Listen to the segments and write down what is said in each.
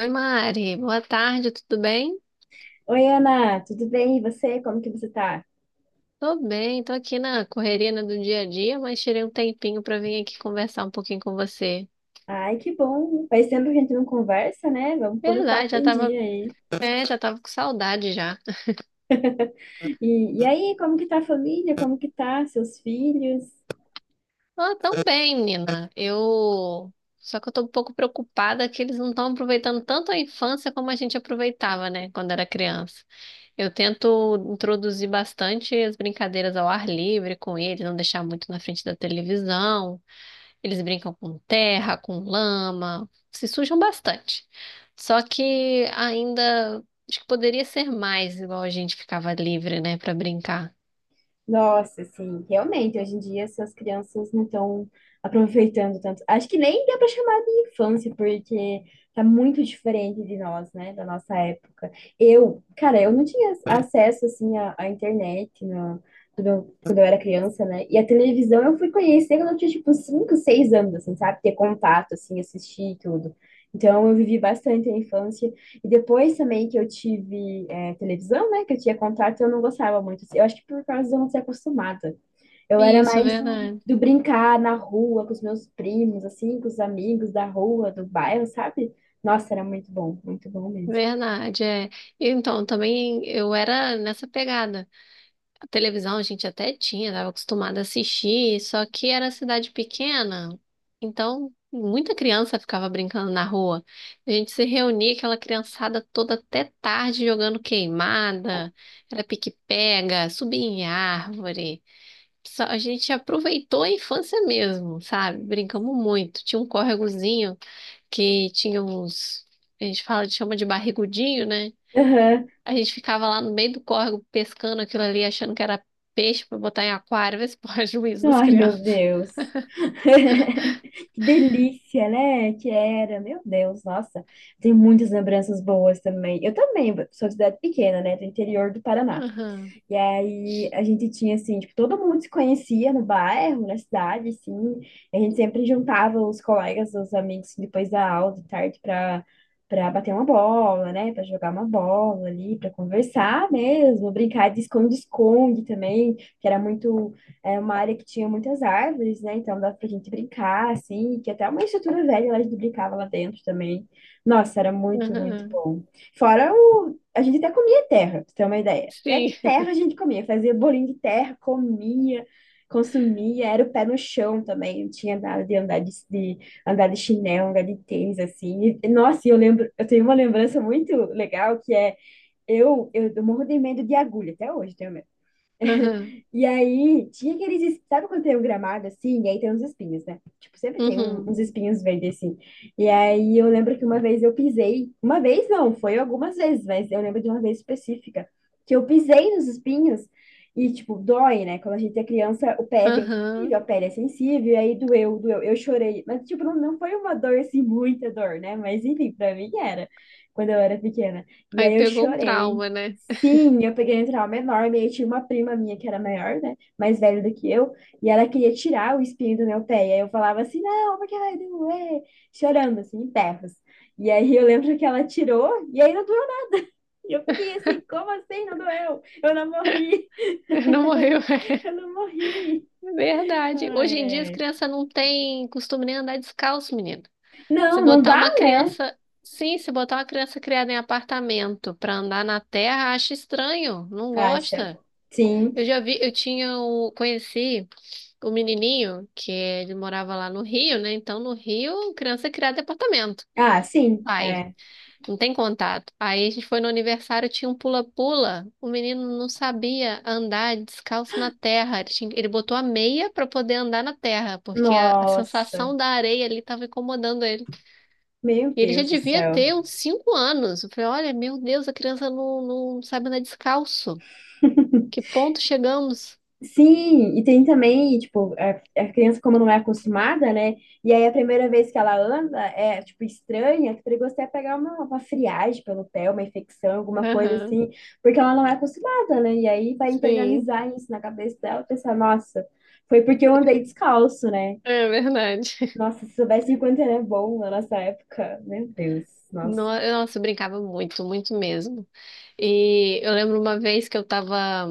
Oi, Mari. Boa tarde, tudo bem? Oi, Ana, tudo bem? E você? Como que você tá? Tô bem, tô aqui na correria, né, do dia a dia, mas tirei um tempinho pra vir aqui conversar um pouquinho com você. Ai, que bom. Faz tempo que a gente não conversa, né? Vamos pôr o papo Verdade, em dia aí. Já tava com saudade já. E aí, como que tá a família? Como que tá seus filhos? Ah, tão bem, menina. Eu Só que eu tô um pouco preocupada que eles não estão aproveitando tanto a infância como a gente aproveitava, né, quando era criança. Eu tento introduzir bastante as brincadeiras ao ar livre com eles, não deixar muito na frente da televisão. Eles brincam com terra, com lama, se sujam bastante. Só que ainda acho que poderia ser mais, igual a gente ficava livre, né, para brincar. Nossa, sim, realmente, hoje em dia essas crianças não estão aproveitando tanto. Acho que nem dá para chamar de infância, porque tá muito diferente de nós, né, da nossa época. Eu, cara, eu não tinha acesso, assim, à internet no, quando eu era criança, né, e a televisão eu fui conhecer quando eu tinha, tipo, 5 6 anos, assim, sabe, ter contato, assim, assistir e tudo. Então, eu vivi bastante a infância. E depois também que eu tive é, televisão, né? Que eu tinha contato e eu não gostava muito. Assim. Eu acho que por causa de eu não ser acostumada. Eu era Isso, mais do, verdade. do brincar na rua com os meus primos, assim, com os amigos da rua, do bairro, sabe? Nossa, era muito bom mesmo. Verdade, é. Então, também eu era nessa pegada. A televisão a gente até tinha, estava acostumada a assistir, só que era cidade pequena, então muita criança ficava brincando na rua. A gente se reunia, aquela criançada toda até tarde jogando queimada, era pique-pega, subia em árvore. A gente aproveitou a infância mesmo, sabe? Brincamos muito. Tinha um córregozinho que tinha uns, a gente fala, chama de barrigudinho, né? Aham. A gente ficava lá no meio do córrego pescando aquilo ali, achando que era peixe pra botar em aquário, ver se porra. Juízo das Ai, meu crianças. Deus. Que delícia, né? Que era, meu Deus, nossa, tem muitas lembranças boas também. Eu também sou de cidade pequena, né? Do interior do Paraná. Aham, E aí a gente tinha assim, tipo, todo mundo se conhecia no bairro, na cidade, assim. A gente sempre juntava os colegas, os amigos assim, depois da aula de tarde para bater uma bola, né? Para jogar uma bola ali, para conversar mesmo, brincar de esconde-esconde também, que era muito é uma área que tinha muitas árvores, né? Então dava pra gente brincar assim, que até uma estrutura velha lá a gente brincava lá dentro também. Nossa, era muito, muito aham, bom. Fora o a gente até comia terra, pra você ter uma ideia. Até sim, terra a gente comia, fazia bolinho de terra, comia, consumia, era o pé no chão também, não tinha nada de andar de andar de chinelo, andar de tênis, assim. E, nossa, e eu lembro, eu tenho uma lembrança muito legal que é eu morro de medo de agulha, até hoje tenho aham, e aí, tinha aqueles. Sabe quando tem um gramado assim? E aí tem uns espinhos, né? Tipo, sempre tem uhum, uns espinhos verdes assim. E aí, eu lembro que uma vez eu pisei. Uma vez não, foi algumas vezes, mas eu lembro de uma vez específica. Que eu pisei nos espinhos e, tipo, dói, né? Quando a gente é criança, o pé é bem sensível, aham. a pele é sensível. E aí, doeu, doeu. Eu chorei. Mas, tipo, não, não foi uma dor assim, muita dor, né? Mas, enfim, pra mim era. Quando eu era pequena. E Aí aí eu pegou um chorei, trauma, né? sim, eu peguei um trauma enorme. Aí tinha uma prima minha que era maior, né? Mais velha do que eu. E ela queria tirar o espinho do meu pé. E aí eu falava assim, não, porque vai doer. Chorando, assim, em berros. E aí eu lembro que ela tirou e aí não doeu nada. E eu fiquei assim, como assim não doeu? Eu não morri, Não morreu. É. eu não morri. Ai, Verdade. Hoje em ai, dia as ai. crianças não têm costume nem andar descalço, menino. Se Não, não botar dá, uma né? criança, sim, se botar uma criança criada em apartamento pra andar na terra, acha estranho, não Acha? gosta. Sim. Eu já vi, conheci o menininho que ele morava lá no Rio, né? Então no Rio, criança é criada em apartamento. Ah, sim, Ai, é. não tem contato. Aí a gente foi no aniversário, tinha um pula-pula. O menino não sabia andar descalço na terra. Ele botou a meia para poder andar na terra, porque a Nossa, sensação da areia ali estava incomodando ele. meu E ele já Deus do devia céu. ter uns 5 anos. Eu falei, olha, meu Deus, a criança não, não sabe andar descalço. Que ponto chegamos? Sim, e tem também, tipo, a criança como não é acostumada, né? E aí a primeira vez que ela anda é, tipo, estranha, que perigoso até pegar uma friagem pelo pé, uma infecção, alguma coisa Aham. assim, porque ela não é acostumada, né? E aí vai Sim. internalizar isso na cabeça dela, pensar, nossa, foi porque eu andei descalço, né? É verdade. Nossa, se soubesse o quanto era bom na nossa época, meu Deus, nossa. Nossa, eu brincava muito, muito mesmo. E eu lembro uma vez que eu tava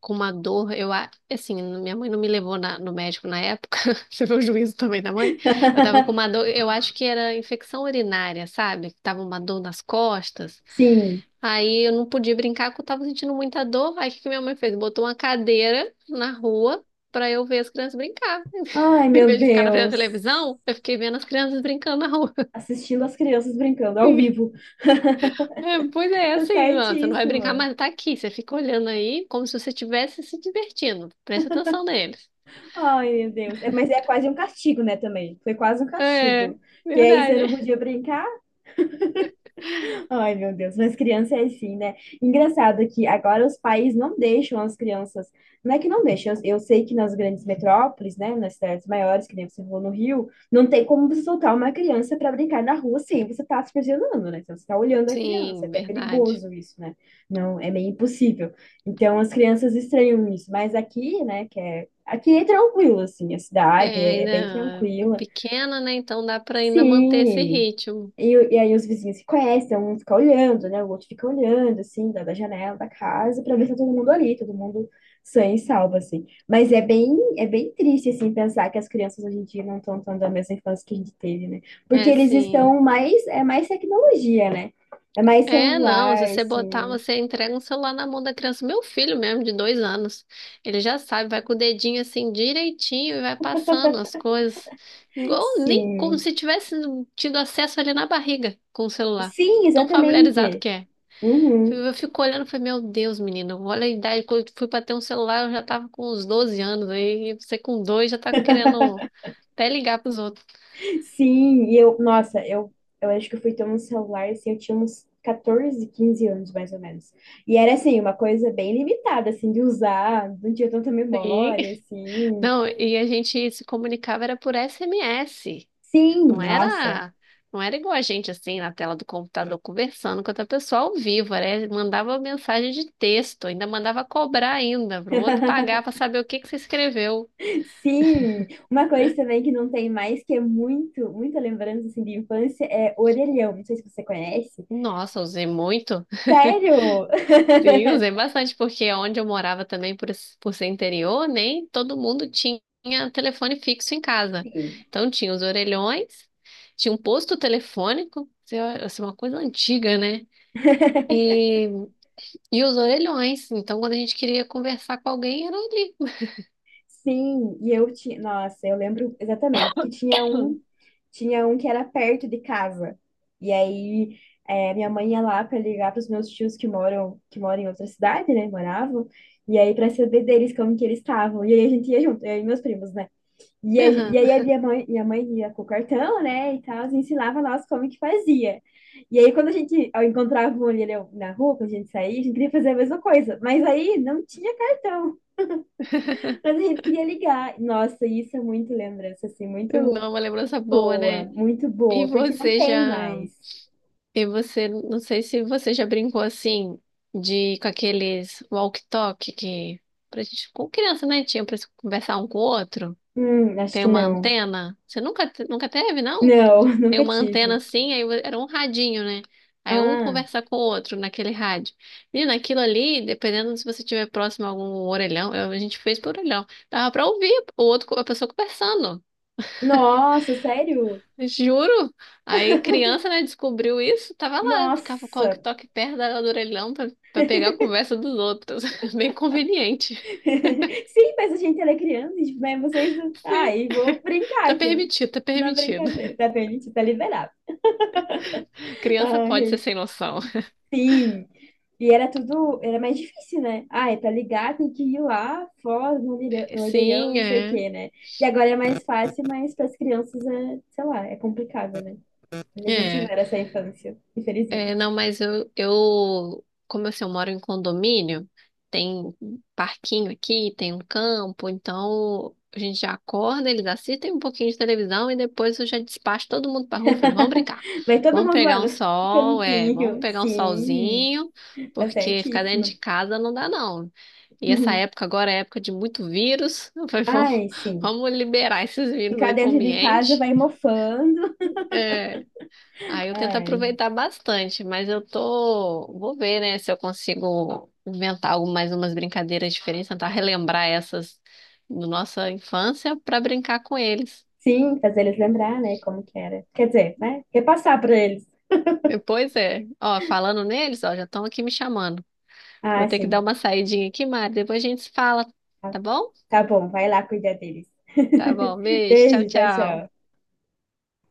com uma dor, assim, minha mãe não me levou no médico na época. Você vê o juízo também da mãe? Eu tava com uma dor, eu acho que era infecção urinária, sabe? Tava uma dor nas costas. Sim. Aí eu não podia brincar porque eu tava sentindo muita dor. Aí o que que minha mãe fez? Botou uma cadeira na rua pra eu ver as crianças brincar. Ai, Em meu vez de ficar na frente da Deus. televisão, eu fiquei vendo as crianças brincando na rua. Assistindo as crianças brincando ao vivo. É, pois é, Tá assim, ó, você não vai brincar, certíssima. mas tá aqui. Você fica olhando aí como se você estivesse se divertindo. Presta atenção neles. Ai, meu Deus. É, mas é quase um castigo, né, também. Foi quase um castigo. É, Que aí você não verdade. podia brincar, ai, meu Deus, mas criança é assim, né? Engraçado que agora os pais não deixam as crianças. Não é que não deixam, eu sei que nas grandes metrópoles, né, nas cidades maiores, que nem você falou no Rio, não tem como você soltar uma criança para brincar na rua sem você estar tá supervisionando, né? Então, você tá olhando a criança, é Sim, até verdade. perigoso isso, né? Não, é meio impossível. Então, as crianças estranham isso, mas aqui, né, que é. Aqui é tranquilo, assim, a cidade É, é bem ainda tranquila. pequena, né? Então dá pra ainda manter esse Sim, ritmo. E aí os vizinhos se conhecem, um fica olhando, né? O outro fica olhando, assim, da janela da casa, pra ver se tá todo mundo ali, todo mundo sã e salvo, assim. Mas é bem triste, assim, pensar que as crianças hoje em dia não estão tendo a mesma infância que a gente teve, né? Porque É, eles sim. estão mais, é mais tecnologia, né? É mais É, não, se celular, você botar, assim. você entrega um celular na mão da criança. Meu filho mesmo, de 2 anos, ele já sabe, vai com o dedinho assim direitinho e vai passando as coisas. Igual, nem como Sim. se tivesse tido acesso ali na barriga com o celular. Sim, Tão familiarizado exatamente. que é. Uhum. Eu fico olhando e falei, meu Deus, menino, olha a idade, quando eu fui pra ter um celular, eu já tava com uns 12 anos, aí você com dois já tá querendo até ligar pros outros. Sim, e eu, nossa, eu acho que eu fui ter um celular assim, eu tinha uns 14, 15 anos mais ou menos. E era assim, uma coisa bem limitada assim de usar, não tinha tanta Sim. memória assim. Não, e a gente se comunicava era por SMS. Sim, Não nossa. era, não era igual a gente assim na tela do computador conversando com outra pessoa ao vivo, né? Mandava mensagem de texto, ainda mandava cobrar ainda pro outro pagar para saber o que que você escreveu. Sim, uma coisa também que não tem mais, que é muito, muita lembrança assim de infância, é orelhão. Não sei se você conhece. Nossa, usei muito. Sério? Sim, usei bastante porque onde eu morava também por ser interior, nem todo mundo tinha telefone fixo em casa. Sim. Então tinha os orelhões, tinha um posto telefônico, isso é uma coisa antiga, né? E E os orelhões. Então, quando a gente queria conversar com alguém, era ali. Sim, e eu tinha, nossa, eu lembro exatamente que tinha um que era perto de casa. E aí é, minha mãe ia lá para ligar para os meus tios que moram em outra cidade, né? Moravam. E aí para saber deles como que eles estavam. E aí a gente ia junto, eu e meus primos, né? E Aham. aí a minha mãe ia com o cartão, né? E tal, e ensinava nós como que fazia. E aí quando a gente ó, encontrava um ali né, na rua, quando a gente saía, a gente queria fazer a mesma coisa. Mas aí não tinha cartão. Mas a gente queria ligar. Nossa, isso é muito lembrança, assim, Não, uma lembrança boa, né? muito E boa, porque não você tem já. mais. E você, não sei se você já brincou assim, de com aqueles walkie-talkie que. Pra gente, com criança, né? Tinha pra se conversar um com o outro. Acho Tem que uma não. antena. Você nunca teve, não? Não, Aí nunca uma antena tive. assim, aí era um radinho, né? Aí um Ah, conversa com o outro naquele rádio. E naquilo ali, dependendo se você estiver próximo a algum orelhão, a gente fez por orelhão. Dava pra ouvir o outro, a pessoa conversando. nossa, sério? Juro. Aí criança, né, descobriu isso, tava lá, ficava com o Nossa! walkie-talkie perto do orelhão pra pegar a conversa dos outros. Bem conveniente. Sim, mas a gente era criança, tipo, mas vocês. Sim, Ai, vou brincar tá aqui. permitido, tá Na permitido. brincadeira, tá permitido, tá liberado. Criança pode ser Ai, sem noção. sim. E era tudo, era mais difícil, né? Ah, é pra ligar, tem que ir lá, Foz, Mandeirão, Mandeirão, Sim, não sei o é. quê, né? E agora é mais fácil, mas para as crianças é, sei lá, é complicado, né? Eles não É. tiveram essa infância, infelizmente. É, não, mas eu, como assim, eu moro em condomínio, tem um parquinho aqui, tem um campo, então a gente já acorda, eles assistem um pouquinho de televisão e depois eu já despacho todo mundo pra rua, falei, vamos brincar, Vai todo vamos mundo lá pegar um no sol, vamos campinho. pegar um Sim, solzinho, tá porque ficar dentro certíssima. de casa não dá não. E essa Uhum. época agora é época de muito vírus. Eu falei, vamos, Ai, sim. vamos liberar esses vírus Ficar aí pro dentro de casa ambiente. vai mofando. É. Aí eu tento Ai, aproveitar bastante, mas eu tô. Vou ver, né, se eu consigo inventar algo, mais umas brincadeiras diferentes, tentar relembrar essas da nossa infância para brincar com eles. sim, fazer eles lembrar, né, como que era. Quer dizer, né? Repassar para eles. Pois é. Ó, falando neles, ó, já estão aqui me chamando. Vou Ah, ter que dar sim. uma saidinha aqui, Mari. Depois a gente se fala, tá bom? Tá bom, vai lá cuidar deles. Tá bom, beijo, tchau, Beijo, tchau, tchau. tchau.